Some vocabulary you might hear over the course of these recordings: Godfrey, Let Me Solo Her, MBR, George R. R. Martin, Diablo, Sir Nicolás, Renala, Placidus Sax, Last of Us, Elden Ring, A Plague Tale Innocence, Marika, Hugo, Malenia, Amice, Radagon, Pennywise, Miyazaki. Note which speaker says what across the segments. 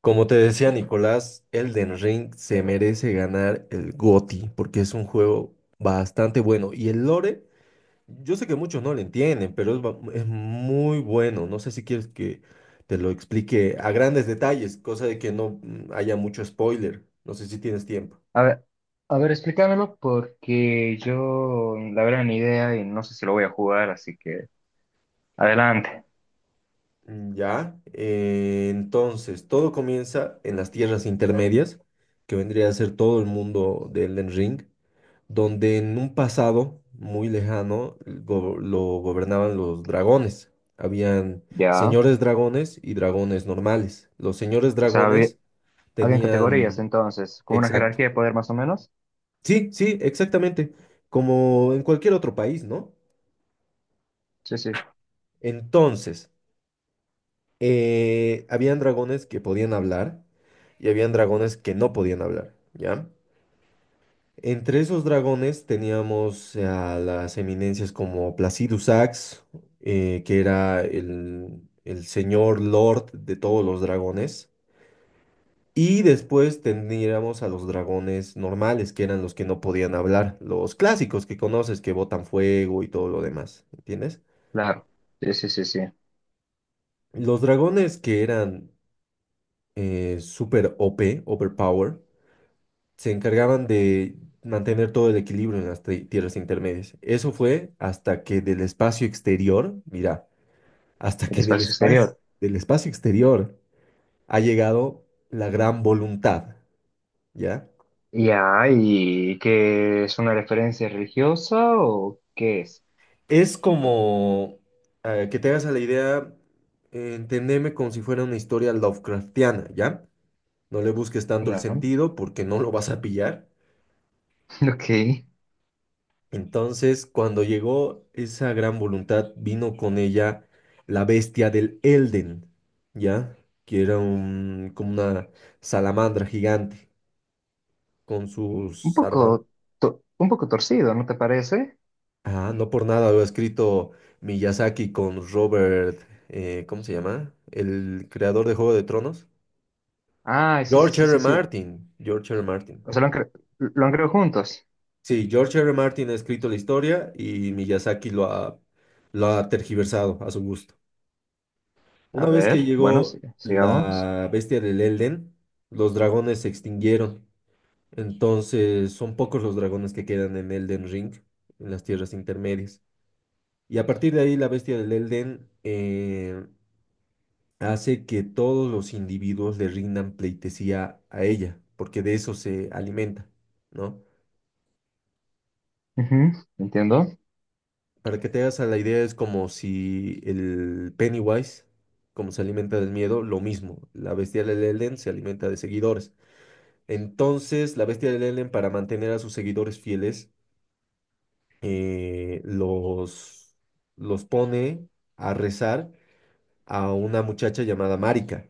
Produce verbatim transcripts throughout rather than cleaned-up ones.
Speaker 1: Como te decía Nicolás, Elden Ring se merece ganar el GOTY porque es un juego bastante bueno. Y el lore, yo sé que muchos no lo entienden, pero es, ba- es muy bueno. No sé si quieres que te lo explique a grandes detalles, cosa de que no mm, haya mucho spoiler. No sé si tienes tiempo.
Speaker 2: A ver, a ver, explícamelo porque yo la verdad ni idea y no sé si lo voy a jugar, así que adelante.
Speaker 1: Mm, ya, eh, entonces todo comienza en las tierras intermedias, que vendría a ser todo el mundo de Elden Ring, donde en un pasado muy lejano go- lo gobernaban los dragones. Habían
Speaker 2: Ya.
Speaker 1: señores dragones y dragones normales. Los señores
Speaker 2: O sea, había,
Speaker 1: dragones
Speaker 2: habían categorías
Speaker 1: tenían.
Speaker 2: entonces, como una
Speaker 1: Exacto.
Speaker 2: jerarquía de poder más o menos.
Speaker 1: Sí, sí, exactamente. Como en cualquier otro país, ¿no?
Speaker 2: Sí, sí,
Speaker 1: Entonces, eh, habían dragones que podían hablar y habían dragones que no podían hablar, ¿ya? Entre esos dragones teníamos a las eminencias como Placidus Sax, eh, que era el, el señor lord de todos los dragones. Y después tendríamos a los dragones normales, que eran los que no podían hablar, los clásicos que conoces, que botan fuego y todo lo demás, ¿entiendes?
Speaker 2: claro. Sí, sí, sí, sí.
Speaker 1: Los dragones que eran eh, super o p, overpower, se encargaban de mantener todo el equilibrio en las tri- tierras intermedias. Eso fue hasta que del espacio exterior, mira, hasta
Speaker 2: El
Speaker 1: que del
Speaker 2: espacio
Speaker 1: espacio,
Speaker 2: exterior.
Speaker 1: del espacio exterior ha llegado la gran voluntad, ¿ya?
Speaker 2: Ya, ¿y qué es una referencia religiosa o qué es?
Speaker 1: Es como eh, que te hagas a la idea, eh, entendeme como si fuera una historia Lovecraftiana, ¿ya? No le busques tanto el
Speaker 2: Ya,
Speaker 1: sentido porque no lo vas a pillar.
Speaker 2: ok.
Speaker 1: Entonces, cuando llegó esa gran voluntad, vino con ella la bestia del Elden, ¿ya? Que era un, como una salamandra gigante con
Speaker 2: Un
Speaker 1: sus armas.
Speaker 2: poco, to- un poco torcido, ¿no te parece?
Speaker 1: Ah, no por nada lo ha escrito Miyazaki con Robert, eh, ¿cómo se llama? El creador de Juego de Tronos.
Speaker 2: Ah, sí, sí,
Speaker 1: George
Speaker 2: sí,
Speaker 1: R. R.
Speaker 2: sí, sí.
Speaker 1: Martin. George R. R. Martin.
Speaker 2: O sea, lo han, cre- lo han creado juntos.
Speaker 1: Sí, George R. R. Martin ha escrito la historia y Miyazaki lo ha, lo ha tergiversado a su gusto.
Speaker 2: A
Speaker 1: Una vez que
Speaker 2: ver, bueno,
Speaker 1: llegó
Speaker 2: sí, sigamos.
Speaker 1: la bestia del Elden, los dragones se extinguieron. Entonces son pocos los dragones que quedan en Elden Ring, en las tierras intermedias. Y a partir de ahí la bestia del Elden eh, hace que todos los individuos le rindan pleitesía a ella, porque de eso se alimenta, ¿no?
Speaker 2: Ujú, entiendo.
Speaker 1: Para que te hagas a la idea es como si el Pennywise, como se alimenta del miedo, lo mismo. La bestia del Elden se alimenta de seguidores. Entonces, la bestia de Lelen, para mantener a sus seguidores fieles, eh, los, los pone a rezar a una muchacha llamada Marika,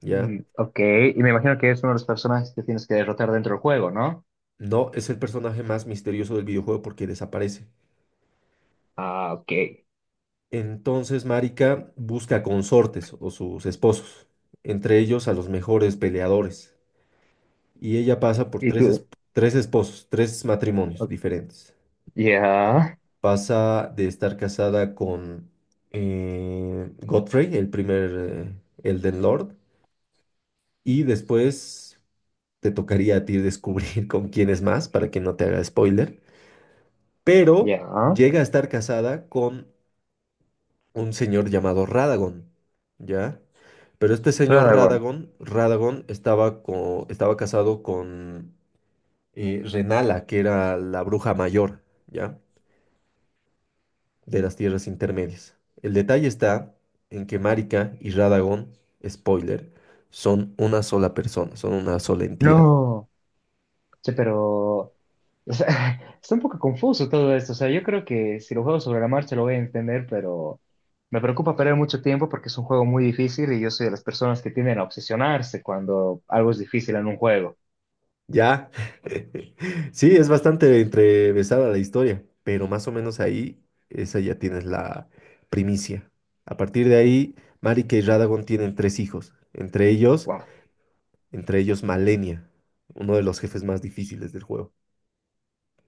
Speaker 1: ¿ya?
Speaker 2: Mm, ok, y me imagino que es uno de los personajes que tienes que derrotar dentro del juego, ¿no?
Speaker 1: No, es el personaje más misterioso del videojuego porque desaparece.
Speaker 2: Ah, ok.
Speaker 1: Entonces, Marika busca consortes o sus esposos, entre ellos a los mejores peleadores. Y ella pasa por
Speaker 2: ¿Y
Speaker 1: tres, es-
Speaker 2: tú?
Speaker 1: tres esposos, tres matrimonios
Speaker 2: O-
Speaker 1: diferentes.
Speaker 2: ya,
Speaker 1: Pasa de estar casada con eh, Godfrey, el primer eh, Elden Lord, y después te tocaría a ti descubrir con quién es más para que no te haga spoiler, pero
Speaker 2: ya.
Speaker 1: llega a estar casada con un señor llamado Radagon, ¿ya? Pero este señor
Speaker 2: Radagon.
Speaker 1: Radagon, Radagon estaba, co- estaba casado con eh, Renala, que era la bruja mayor, ¿ya? De las tierras intermedias. El detalle está en que Marika y Radagón, spoiler, son una sola persona, son una sola entidad.
Speaker 2: No, che, pero, o sea, está un poco confuso todo esto. O sea, yo creo que si lo juego sobre la marcha lo voy a entender, pero me preocupa perder mucho tiempo porque es un juego muy difícil y yo soy de las personas que tienden a obsesionarse cuando algo es difícil en un juego.
Speaker 1: Ya. Sí, es bastante entrevesada la historia, pero más o menos ahí, esa ya tienes la primicia. A partir de ahí, Marika y Radagon tienen tres hijos, entre ellos, entre ellos Malenia, uno de los jefes más difíciles del juego.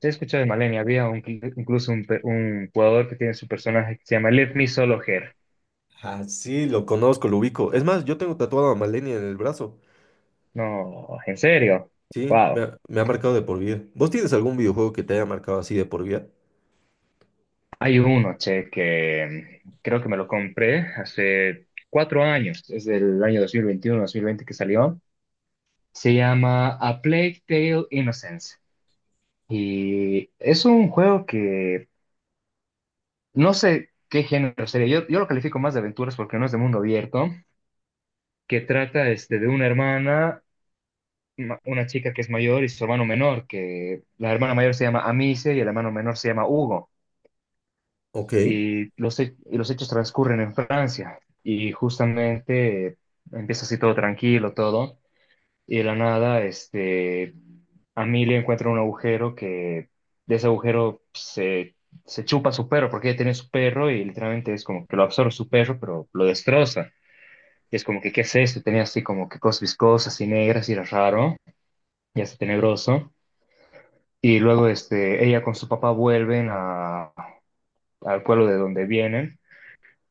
Speaker 2: Sí, he escuchado de Malenia. Había un- incluso un, pe- un jugador que tiene su personaje que se llama Let Me Solo Her.
Speaker 1: Ah, sí, lo conozco, lo ubico. Es más, yo tengo tatuado a Malenia en el brazo.
Speaker 2: No, ¿en serio?
Speaker 1: Sí, me
Speaker 2: Wow.
Speaker 1: ha, me ha marcado de por vida. ¿Vos tienes algún videojuego que te haya marcado así de por vida?
Speaker 2: Hay uno, che, que mm, creo que me lo compré hace cuatro años. Es del año dos mil veintiuno-dos mil veinte que salió. Se llama A Plague Tale Innocence. Y es un juego que no sé qué género sería. Yo, yo lo califico más de aventuras porque no es de mundo abierto. Que trata este, de una hermana. Ma- una chica que es mayor y su hermano menor, que la hermana mayor se llama Amice y el hermano menor se llama Hugo.
Speaker 1: Ok,
Speaker 2: Y los, he- y los hechos transcurren en Francia. Y justamente eh, empieza así todo tranquilo, todo. Y de la nada, este, Amelia encuentra un agujero que de ese agujero se, se chupa su perro, porque ella tiene su perro y literalmente es como que lo absorbe su perro, pero lo destroza. Y es como que, ¿qué es esto? Tenía así como que cosas viscosas y negras y era raro y hasta tenebroso. Y luego este, ella con su papá vuelven a, al pueblo de donde vienen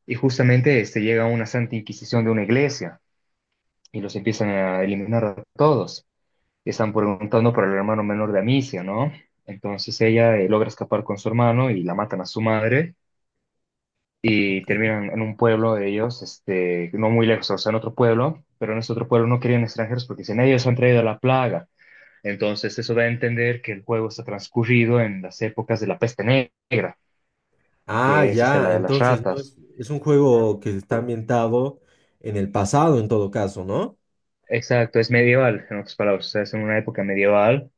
Speaker 2: y justamente este, llega una santa inquisición de una iglesia y los empiezan a eliminar a todos. Y están preguntando por el hermano menor de Amicia, ¿no? Entonces ella eh, logra escapar con su hermano y la matan a su madre y
Speaker 1: ok.
Speaker 2: terminan en un pueblo de ellos, este, no muy lejos, o sea, en otro pueblo, pero en ese otro pueblo no querían extranjeros porque dicen, ellos han traído la plaga. Entonces eso da a entender que el juego está transcurrido en las épocas de la peste negra,
Speaker 1: Ah,
Speaker 2: que es este,
Speaker 1: ya,
Speaker 2: la de las
Speaker 1: entonces no
Speaker 2: ratas.
Speaker 1: es, es un juego que está ambientado en el pasado en todo caso, ¿no?
Speaker 2: Exacto, es medieval, en otras palabras, o sea, es en una época medieval.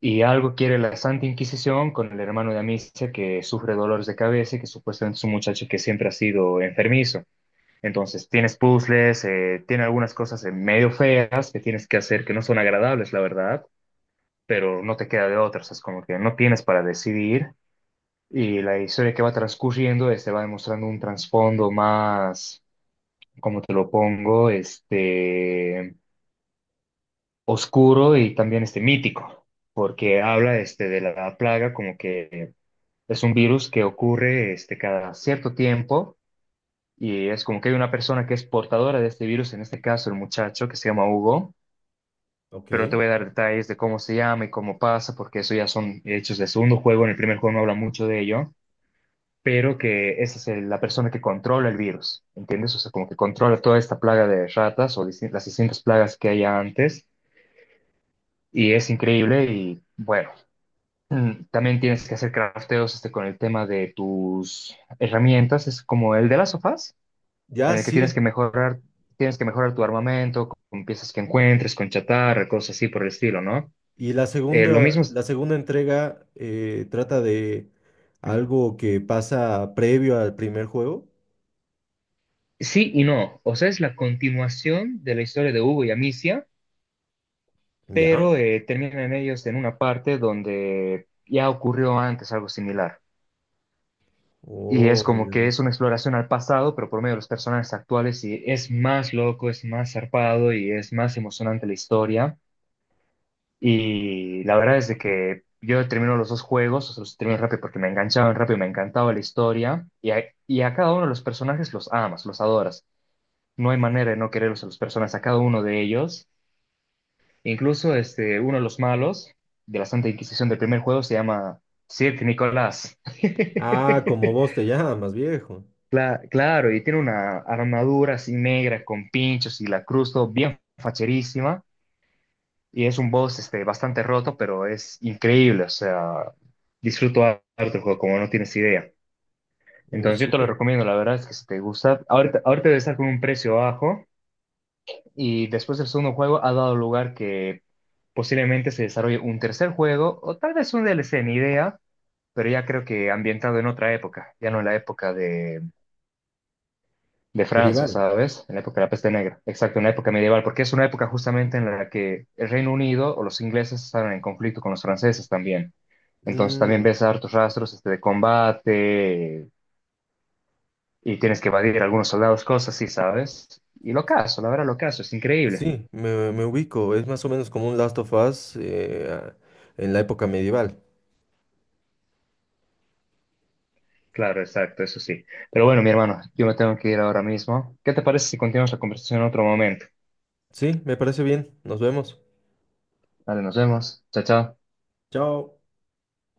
Speaker 2: Y algo quiere la Santa Inquisición con el hermano de Amicia que sufre dolores de cabeza y que supuestamente es un muchacho que siempre ha sido enfermizo. Entonces tienes puzzles, eh, tiene algunas cosas eh, medio feas que tienes que hacer que no son agradables, la verdad, pero no te queda de otras, es como que no tienes para decidir. Y la historia que va transcurriendo este, va demostrando un trasfondo más, como te lo pongo? Este, oscuro y también este mítico, porque habla este de la plaga como que es un virus que ocurre este cada cierto tiempo y es como que hay una persona que es portadora de este virus, en este caso el muchacho que se llama Hugo,
Speaker 1: Ok.
Speaker 2: pero no te voy a dar detalles de cómo se llama y cómo pasa, porque eso ya son hechos del segundo juego, en el primer juego no habla mucho de ello, pero que esa es el- la persona que controla el virus, ¿entiendes? O sea, como que controla toda esta plaga de ratas o distin- las distintas plagas que haya antes, y es increíble y bueno. Mm, También tienes que hacer crafteos este, con el tema de tus herramientas. Es como el de las sofás,
Speaker 1: Ya,
Speaker 2: en el que
Speaker 1: sí.
Speaker 2: tienes que mejorar, tienes que mejorar tu armamento con piezas que encuentres, con chatarra, cosas así por el estilo, ¿no?
Speaker 1: Y la
Speaker 2: Eh, lo
Speaker 1: segunda,
Speaker 2: mismo, es-
Speaker 1: la segunda entrega eh, trata de algo que pasa previo al primer juego.
Speaker 2: sí y no. O sea, es la continuación de la historia de Hugo y Amicia,
Speaker 1: Ya.
Speaker 2: pero eh, terminan ellos en una parte donde ya ocurrió antes algo similar. Y es
Speaker 1: Oh,
Speaker 2: como
Speaker 1: ya
Speaker 2: que
Speaker 1: veo.
Speaker 2: es una exploración al pasado, pero por medio de los personajes actuales, y es más loco, es más zarpado y es más emocionante la historia. Y la verdad es de que yo termino los dos juegos, o sea, los termino rápido porque me enganchaban rápido, me encantaba la historia. Y a, y a cada uno de los personajes los amas, los adoras. No hay manera de no quererlos a los personajes, a cada uno de ellos. Incluso este, uno de los malos de la Santa Inquisición del primer juego se llama Sir Nicolás.
Speaker 1: Ah, como vos te llamas, viejo.
Speaker 2: Cla- claro, y tiene una armadura así negra con pinchos y la cruz todo bien facherísima. Y es un boss este, bastante roto, pero es increíble. O sea, disfruto harto el juego, como no tienes idea.
Speaker 1: Oh,
Speaker 2: Entonces yo te lo
Speaker 1: súper.
Speaker 2: recomiendo, la verdad es que si te gusta, ahorita, ahorita debe estar con un precio bajo. Y después del segundo juego ha dado lugar que posiblemente se desarrolle un tercer juego o tal vez un D L C, ni idea, pero ya creo que ambientado en otra época, ya no en la época de de Francia,
Speaker 1: Medieval.
Speaker 2: ¿sabes? En la época de la peste negra. Exacto, en la época medieval, porque es una época justamente en la que el Reino Unido o los ingleses estaban en conflicto con los franceses también. Entonces también
Speaker 1: Mm.
Speaker 2: ves hartos rastros este, de combate y tienes que evadir a algunos soldados, cosas así, ¿sabes? Y lo caso, la verdad lo caso, es increíble.
Speaker 1: Sí, me, me ubico. Es más o menos como un Last of Us eh, en la época medieval.
Speaker 2: Claro, exacto, eso sí. Pero bueno, mi hermano, yo me tengo que ir ahora mismo. ¿Qué te parece si continuamos la conversación en otro momento?
Speaker 1: Sí, me parece bien. Nos vemos.
Speaker 2: Vale, nos vemos. Chao, chao.
Speaker 1: Chao.